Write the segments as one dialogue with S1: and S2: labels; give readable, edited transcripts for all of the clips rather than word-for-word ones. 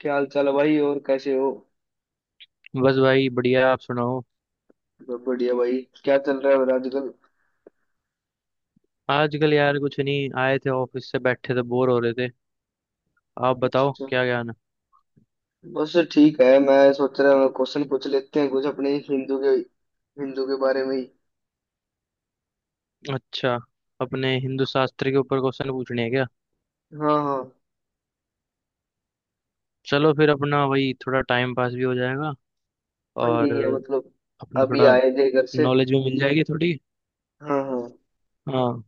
S1: क्या हाल चाल है भाई और कैसे हो?
S2: बस भाई बढ़िया, आप सुनाओ।
S1: सब बढ़िया भाई। क्या चल रहा है और आजकल?
S2: आजकल यार कुछ नहीं, आए थे ऑफिस से, बैठे थे बोर हो रहे थे। आप बताओ
S1: अच्छा।
S2: क्या ज्ञान है।
S1: बस ठीक है, मैं सोच रहा हूँ क्वेश्चन पूछ लेते हैं कुछ अपने हिंदू के। हिंदू के बारे में ही।
S2: अच्छा, अपने हिंदू शास्त्र के ऊपर क्वेश्चन पूछने हैं क्या?
S1: हाँ हाँ।
S2: चलो फिर, अपना वही थोड़ा टाइम पास भी हो जाएगा
S1: हाँ,
S2: और
S1: यही है मतलब।
S2: अपना
S1: अभी
S2: थोड़ा
S1: आए थे घर से।
S2: नॉलेज भी मिल जाएगी थोड़ी।
S1: हाँ हाँ।
S2: हाँ,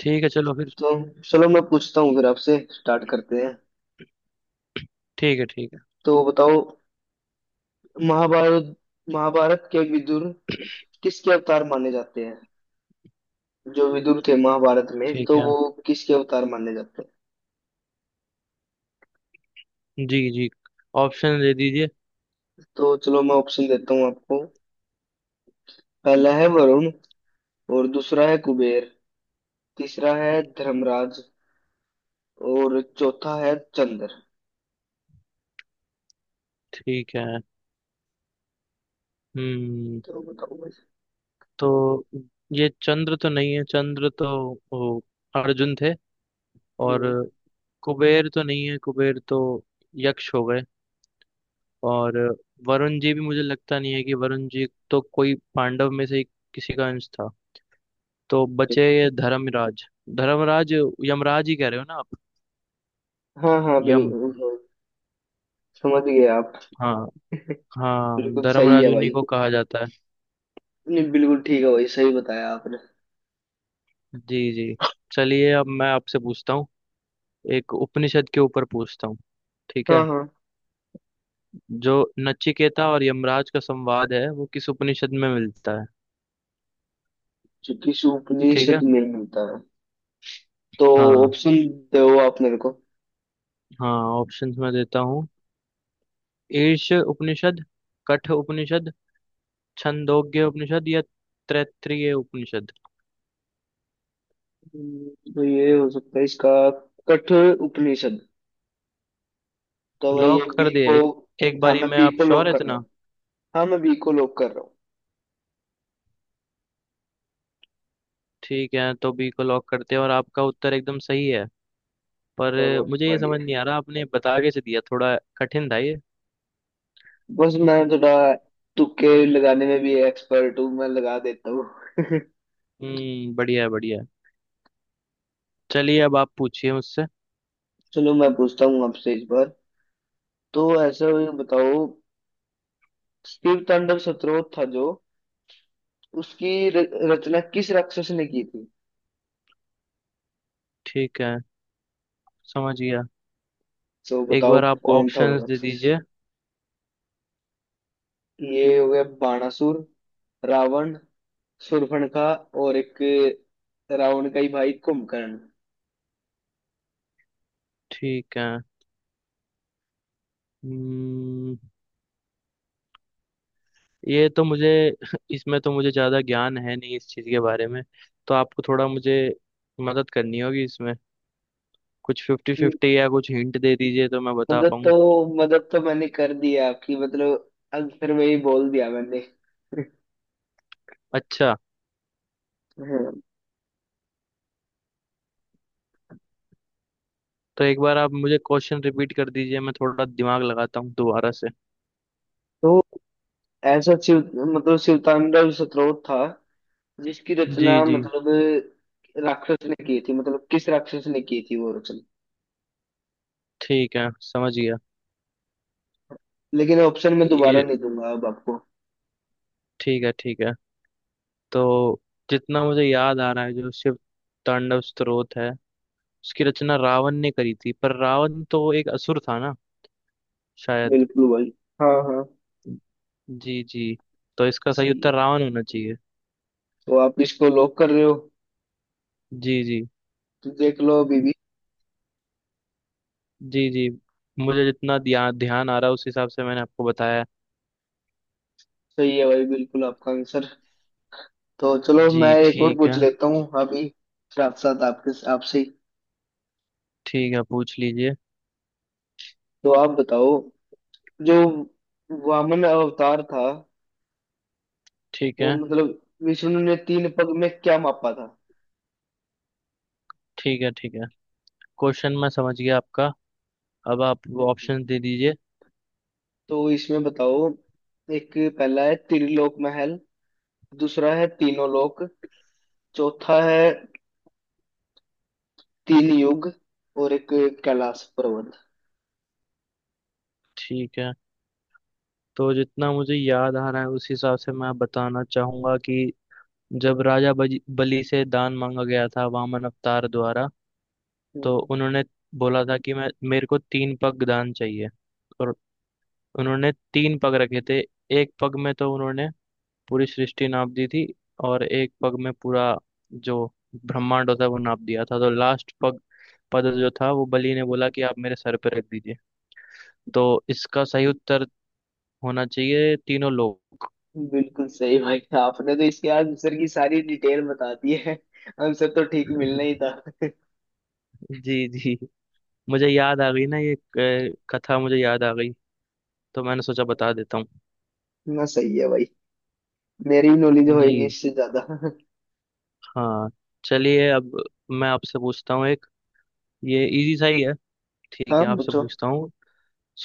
S2: ठीक है चलो फिर।
S1: तो चलो मैं पूछता हूँ, फिर आपसे स्टार्ट करते हैं।
S2: ठीक है ठीक है
S1: तो बताओ। महाभारत। महाभारत के विदुर किसके अवतार माने जाते हैं? जो विदुर थे महाभारत में,
S2: ठीक
S1: तो
S2: है
S1: वो किसके अवतार माने जाते हैं?
S2: जी जी, ऑप्शन दे दीजिए।
S1: तो चलो मैं ऑप्शन देता हूँ आपको। पहला है वरुण, और दूसरा है कुबेर, तीसरा है धर्मराज, और चौथा है चंद्र।
S2: ठीक है। हम्म,
S1: तो बताओ भाई।
S2: तो ये चंद्र तो नहीं है, चंद्र तो वो अर्जुन थे। और
S1: हम्म।
S2: कुबेर तो नहीं है, कुबेर तो यक्ष हो गए। और वरुण जी भी मुझे लगता नहीं है कि, वरुण जी तो कोई पांडव में से किसी का अंश था। तो बचे ये धर्मराज। धर्मराज यमराज ही कह रहे हो ना आप?
S1: हाँ हाँ
S2: यम।
S1: बिल्कुल, हाँ, समझ गए आप।
S2: हाँ, हाँ
S1: बिल्कुल सही
S2: धर्मराज
S1: है भाई।
S2: उन्हीं को कहा जाता है।
S1: नहीं, बिल्कुल ठीक है भाई, सही बताया आपने।
S2: जी जी, चलिए अब मैं आपसे पूछता हूँ। एक उपनिषद के ऊपर पूछता हूँ, ठीक है।
S1: हाँ हाँ।
S2: जो नचिकेता और यमराज का संवाद है वो किस उपनिषद में मिलता है?
S1: जो किस
S2: ठीक है।
S1: उपनिषद में मिलता है। तो
S2: हाँ
S1: ऑप्शन दो आप मेरे को।
S2: हाँ, ऑप्शंस मैं देता हूँ। ईर्ष उपनिषद, कठ उपनिषद, छंदोग्य उपनिषद या तैत्तिरीय उपनिषद।
S1: तो ये हो सकता है इसका कठ उपनिषद। तो मैं ये
S2: लॉक
S1: बी
S2: कर दिया
S1: को।
S2: एक? एक
S1: हाँ
S2: बारी
S1: मैं
S2: में
S1: बी
S2: आप
S1: को
S2: श्योर
S1: लॉक
S2: है
S1: कर रहा
S2: इतना?
S1: हूँ हाँ मैं बी को लॉक कर रहा हूँ
S2: ठीक है तो बी को लॉक करते हैं और आपका उत्तर एकदम सही है। पर
S1: चलो
S2: मुझे ये समझ
S1: बढ़िया।
S2: नहीं आ रहा आपने बता कैसे दिया, थोड़ा कठिन था ये।
S1: बस मैं थोड़ा तुक्के लगाने में भी एक्सपर्ट हूँ, मैं लगा देता हूँ।
S2: हम्म, बढ़िया है बढ़िया है। चलिए अब आप पूछिए मुझसे।
S1: चलो मैं पूछता हूँ आपसे इस बार। तो ऐसा ये बताओ, शिव तांडव स्तोत्र था जो, उसकी रचना किस राक्षस ने की थी?
S2: ठीक है समझ गया।
S1: तो
S2: एक
S1: बताओ
S2: बार आप
S1: कौन था वो
S2: ऑप्शंस दे
S1: राक्षस।
S2: दीजिए।
S1: ये हो गया बाणासुर, रावण, शूर्पणखा, और एक रावण का ही भाई कुंभकर्ण।
S2: ठीक है। हम्म, ये तो मुझे इसमें तो मुझे ज्यादा ज्ञान है नहीं इस चीज के बारे में। तो आपको थोड़ा, मुझे मदद करनी होगी इसमें। कुछ फिफ्टी
S1: हम्म,
S2: फिफ्टी या कुछ हिंट दे दीजिए तो मैं बता
S1: मदद तो,
S2: पाऊँ।
S1: मदद तो मैंने कर दी है आपकी, मतलब आंसर में ही बोल दिया मैंने।
S2: अच्छा। तो एक बार आप मुझे क्वेश्चन रिपीट कर दीजिए, मैं थोड़ा दिमाग लगाता हूँ दोबारा से।
S1: तो ऐसा शिव, मतलब शिवतांडव स्तोत्र था, जिसकी
S2: जी
S1: रचना
S2: जी।
S1: मतलब राक्षस ने की थी, मतलब किस राक्षस ने की थी वो रचना।
S2: ठीक है समझ गया
S1: लेकिन ऑप्शन मैं दोबारा
S2: ये।
S1: नहीं दूंगा अब आपको।
S2: ठीक है। तो जितना मुझे याद आ रहा है, जो शिव तांडव स्तोत्र है उसकी रचना रावण ने करी थी। पर रावण तो एक असुर था ना, शायद।
S1: बिल्कुल भाई। हाँ हाँ।
S2: जी जी, तो इसका सही
S1: सही
S2: उत्तर
S1: है।
S2: रावण होना चाहिए।
S1: तो आप इसको लॉक कर रहे हो?
S2: जी जी।
S1: तो देख लो अभी भी।
S2: जी जी, मुझे जितना ध्यान आ रहा है उस हिसाब से मैंने आपको बताया।
S1: सही है भाई, बिल्कुल आपका आंसर। तो चलो
S2: जी
S1: मैं एक और
S2: ठीक
S1: पूछ
S2: है,
S1: लेता हूँ अभी, साथ साथ आपके, आपसे ही।
S2: ठीक है पूछ लीजिए।
S1: तो आप बताओ, जो वामन अवतार था,
S2: ठीक
S1: वो
S2: है
S1: मतलब विष्णु ने तीन पग में क्या मापा था?
S2: ठीक है, क्वेश्चन मैं समझ गया आपका। अब आप
S1: हम्म।
S2: ऑप्शन दे दीजिए।
S1: तो इसमें बताओ, एक पहला है त्रिलोक महल, दूसरा है तीनों लोक, चौथा है तीन युग, और एक कैलाश पर्वत।
S2: ठीक है। तो जितना मुझे याद आ रहा है उस हिसाब से मैं बताना चाहूंगा कि जब राजा बलि से दान मांगा गया था वामन अवतार द्वारा, तो
S1: हम्म।
S2: उन्होंने बोला था कि मैं, मेरे को तीन पग दान चाहिए। और उन्होंने तीन पग रखे थे। एक पग में तो उन्होंने पूरी सृष्टि नाप दी थी, और एक पग में पूरा जो ब्रह्मांड होता है वो नाप दिया था। तो लास्ट पग, पद जो था, वो बलि ने बोला कि आप मेरे सर पे रख दीजिए। तो इसका सही उत्तर होना चाहिए तीनों लोग।
S1: बिल्कुल सही भाई, आपने तो इसके आंसर की सारी डिटेल बता दी है, आंसर तो ठीक मिलना ही था।
S2: जी जी, मुझे याद आ गई ना ये कथा मुझे याद आ गई तो मैंने सोचा बता देता हूँ।
S1: ना सही है भाई, मेरी नॉलेज होएगी
S2: जी।
S1: इससे ज्यादा।
S2: हाँ, चलिए अब मैं आपसे पूछता हूँ एक। ये इजी सा ही है, ठीक
S1: हाँ
S2: है, आपसे
S1: पूछो।
S2: पूछता हूँ।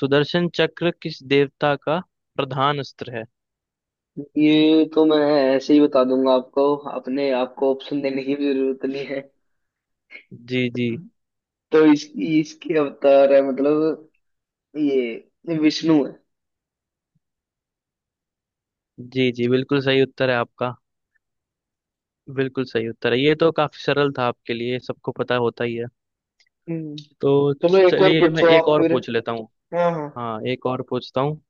S2: सुदर्शन चक्र किस देवता का प्रधान अस्त्र है?
S1: ये तो मैं ऐसे ही बता दूंगा आपको, अपने आपको ऑप्शन देने की भी जरूरत नहीं है।
S2: जी जी।
S1: तो इसके अवतार है मतलब, ये विष्णु है।
S2: जी जी, बिल्कुल सही उत्तर है आपका। बिल्कुल सही उत्तर है, ये तो काफी सरल था आपके लिए, सबको पता होता ही है।
S1: हम्म।
S2: तो
S1: चलो एक और
S2: चलिए मैं
S1: पूछो
S2: एक
S1: आप
S2: और
S1: फिर।
S2: पूछ लेता हूँ।
S1: हाँ हाँ।
S2: हाँ, एक और पूछता हूँ।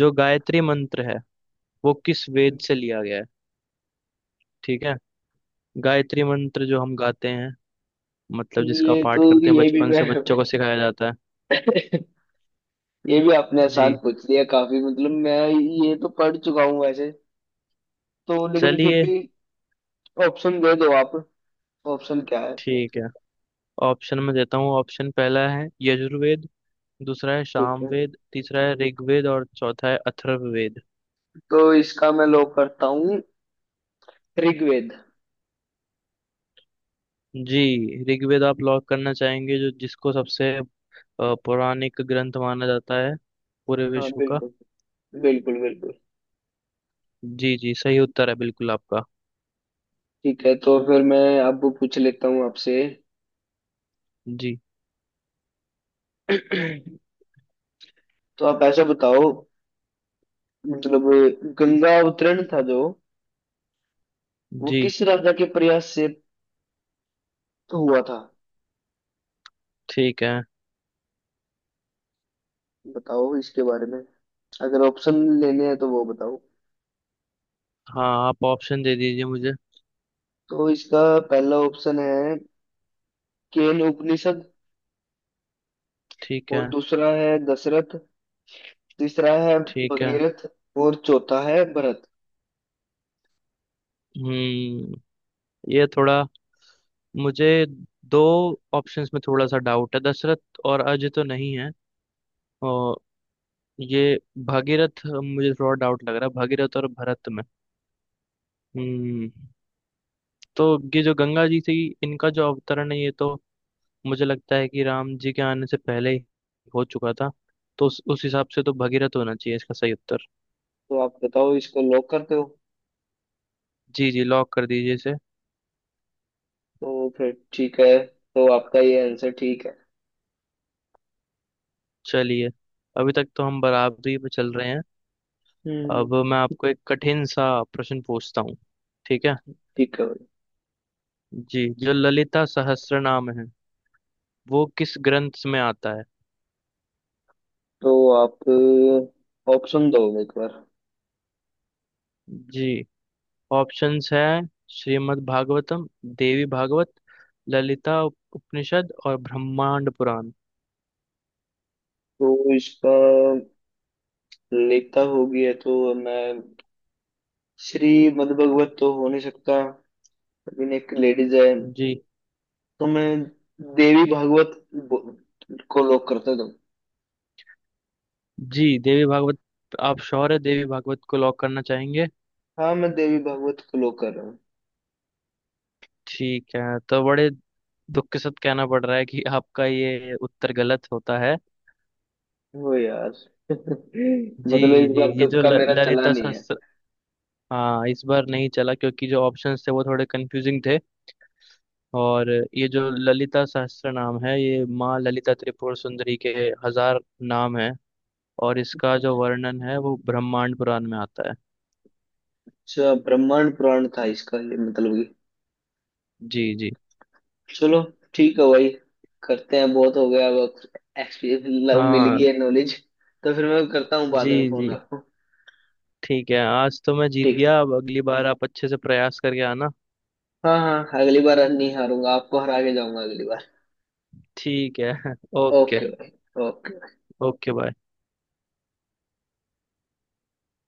S2: जो गायत्री मंत्र है, वो किस वेद से लिया गया है? ठीक है। गायत्री मंत्र जो हम गाते हैं, मतलब जिसका
S1: ये तो,
S2: पाठ करते हैं,
S1: ये भी
S2: बचपन
S1: मैं
S2: से बच्चों को सिखाया जाता है।
S1: ये भी आपने आसान
S2: जी।
S1: पूछ लिया काफी, मतलब मैं ये तो पढ़ चुका हूँ वैसे। तो लेकिन फिर
S2: चलिए,
S1: भी ऑप्शन दे दो आप, ऑप्शन क्या है?
S2: ठीक है ऑप्शन में देता हूँ। ऑप्शन पहला है यजुर्वेद, दूसरा है
S1: ठीक है,
S2: सामवेद, तीसरा है ऋग्वेद और चौथा है अथर्ववेद।
S1: तो इसका मैं लॉक करता हूँ ऋग्वेद।
S2: जी, ऋग्वेद आप लॉक करना चाहेंगे, जो जिसको सबसे पौराणिक ग्रंथ माना जाता है पूरे
S1: हाँ
S2: विश्व का।
S1: बिल्कुल, बिल्कुल बिल्कुल।
S2: जी जी, सही उत्तर है बिल्कुल आपका।
S1: ठीक है, तो फिर मैं अब पूछ लेता हूँ आपसे।
S2: जी।
S1: तो आप ऐसा बताओ, मतलब गंगा अवतरण था जो, वो
S2: जी
S1: किस राजा के प्रयास से हुआ था?
S2: ठीक है।
S1: बताओ इसके बारे में, अगर ऑप्शन लेने हैं तो वो बताओ।
S2: हाँ, आप ऑप्शन दे दीजिए मुझे।
S1: तो इसका पहला ऑप्शन है केन उपनिषद,
S2: ठीक
S1: और
S2: है।
S1: दूसरा है दशरथ, तीसरा है
S2: ठीक है।
S1: भगीरथ, और चौथा है भरत।
S2: हम्म, ये थोड़ा, मुझे दो ऑप्शंस में थोड़ा सा डाउट है। दशरथ और अजय तो नहीं है। और ये भागीरथ, मुझे थोड़ा डाउट लग रहा है भागीरथ और भरत में। हम्म, तो ये जो गंगा जी से ही इनका जो अवतरण है ये तो मुझे लगता है कि राम जी के आने से पहले ही हो चुका था। तो उस हिसाब से तो भगीरथ होना चाहिए इसका सही उत्तर।
S1: तो आप बताओ इसको लॉक करते हो?
S2: जी जी, लॉक कर दीजिए इसे।
S1: तो फिर ठीक है, तो आपका ये आंसर ठीक है।
S2: चलिए, अभी तक तो हम बराबरी पे चल रहे हैं।
S1: हम्म।
S2: अब मैं आपको एक कठिन सा प्रश्न पूछता हूँ, ठीक है।
S1: ठीक है भाई।
S2: जी, जो ललिता सहस्त्रनाम है वो किस ग्रंथ में आता है?
S1: तो आप ऑप्शन दो एक बार।
S2: जी, ऑप्शंस हैं श्रीमद् भागवतम, देवी भागवत, ललिता उपनिषद और ब्रह्मांड पुराण।
S1: तो इसका लेता होगी है तो मैं, श्री मद्भागवत तो हो नहीं सकता, लेकिन एक लेडीज है,
S2: जी
S1: तो मैं देवी भागवत को लोग करते तो।
S2: जी, देवी भागवत? आप श्योर है देवी भागवत को लॉक करना चाहेंगे?
S1: हाँ, मैं देवी भागवत को लोग कर रहा हूँ।
S2: ठीक है, तो बड़े दुख के साथ कहना पड़ रहा है कि आपका ये उत्तर गलत होता है।
S1: हो यार
S2: जी
S1: मतलब इस
S2: जी,
S1: बार
S2: ये जो
S1: तुक्का मेरा चला
S2: ललिता
S1: नहीं है।
S2: सहस्त्र, हाँ इस बार नहीं चला क्योंकि जो ऑप्शंस थे वो थोड़े कंफ्यूजिंग थे। और ये जो ललिता सहस्त्र नाम है, ये माँ ललिता त्रिपुर सुंदरी के हजार नाम है। और इसका जो वर्णन है वो ब्रह्मांड पुराण में आता है।
S1: अच्छा, ब्रह्मांड पुराण था इसका ये मतलब।
S2: जी जी।
S1: कि चलो, ठीक है भाई, करते हैं, बहुत हो गया अब। एक्सपीरियंस लव मिल
S2: हाँ।
S1: गई है, नॉलेज। तो फिर मैं करता हूँ बाद
S2: जी
S1: में फोन
S2: जी
S1: आपको।
S2: ठीक है, आज तो मैं जीत
S1: ठीक।
S2: गया। अब अगली बार आप अच्छे से प्रयास करके आना।
S1: हाँ हाँ, अगली बार नहीं हारूंगा, आपको हरा के जाऊंगा अगली बार।
S2: ठीक है। ओके।
S1: ओके भाई। ओके।
S2: Okay bye.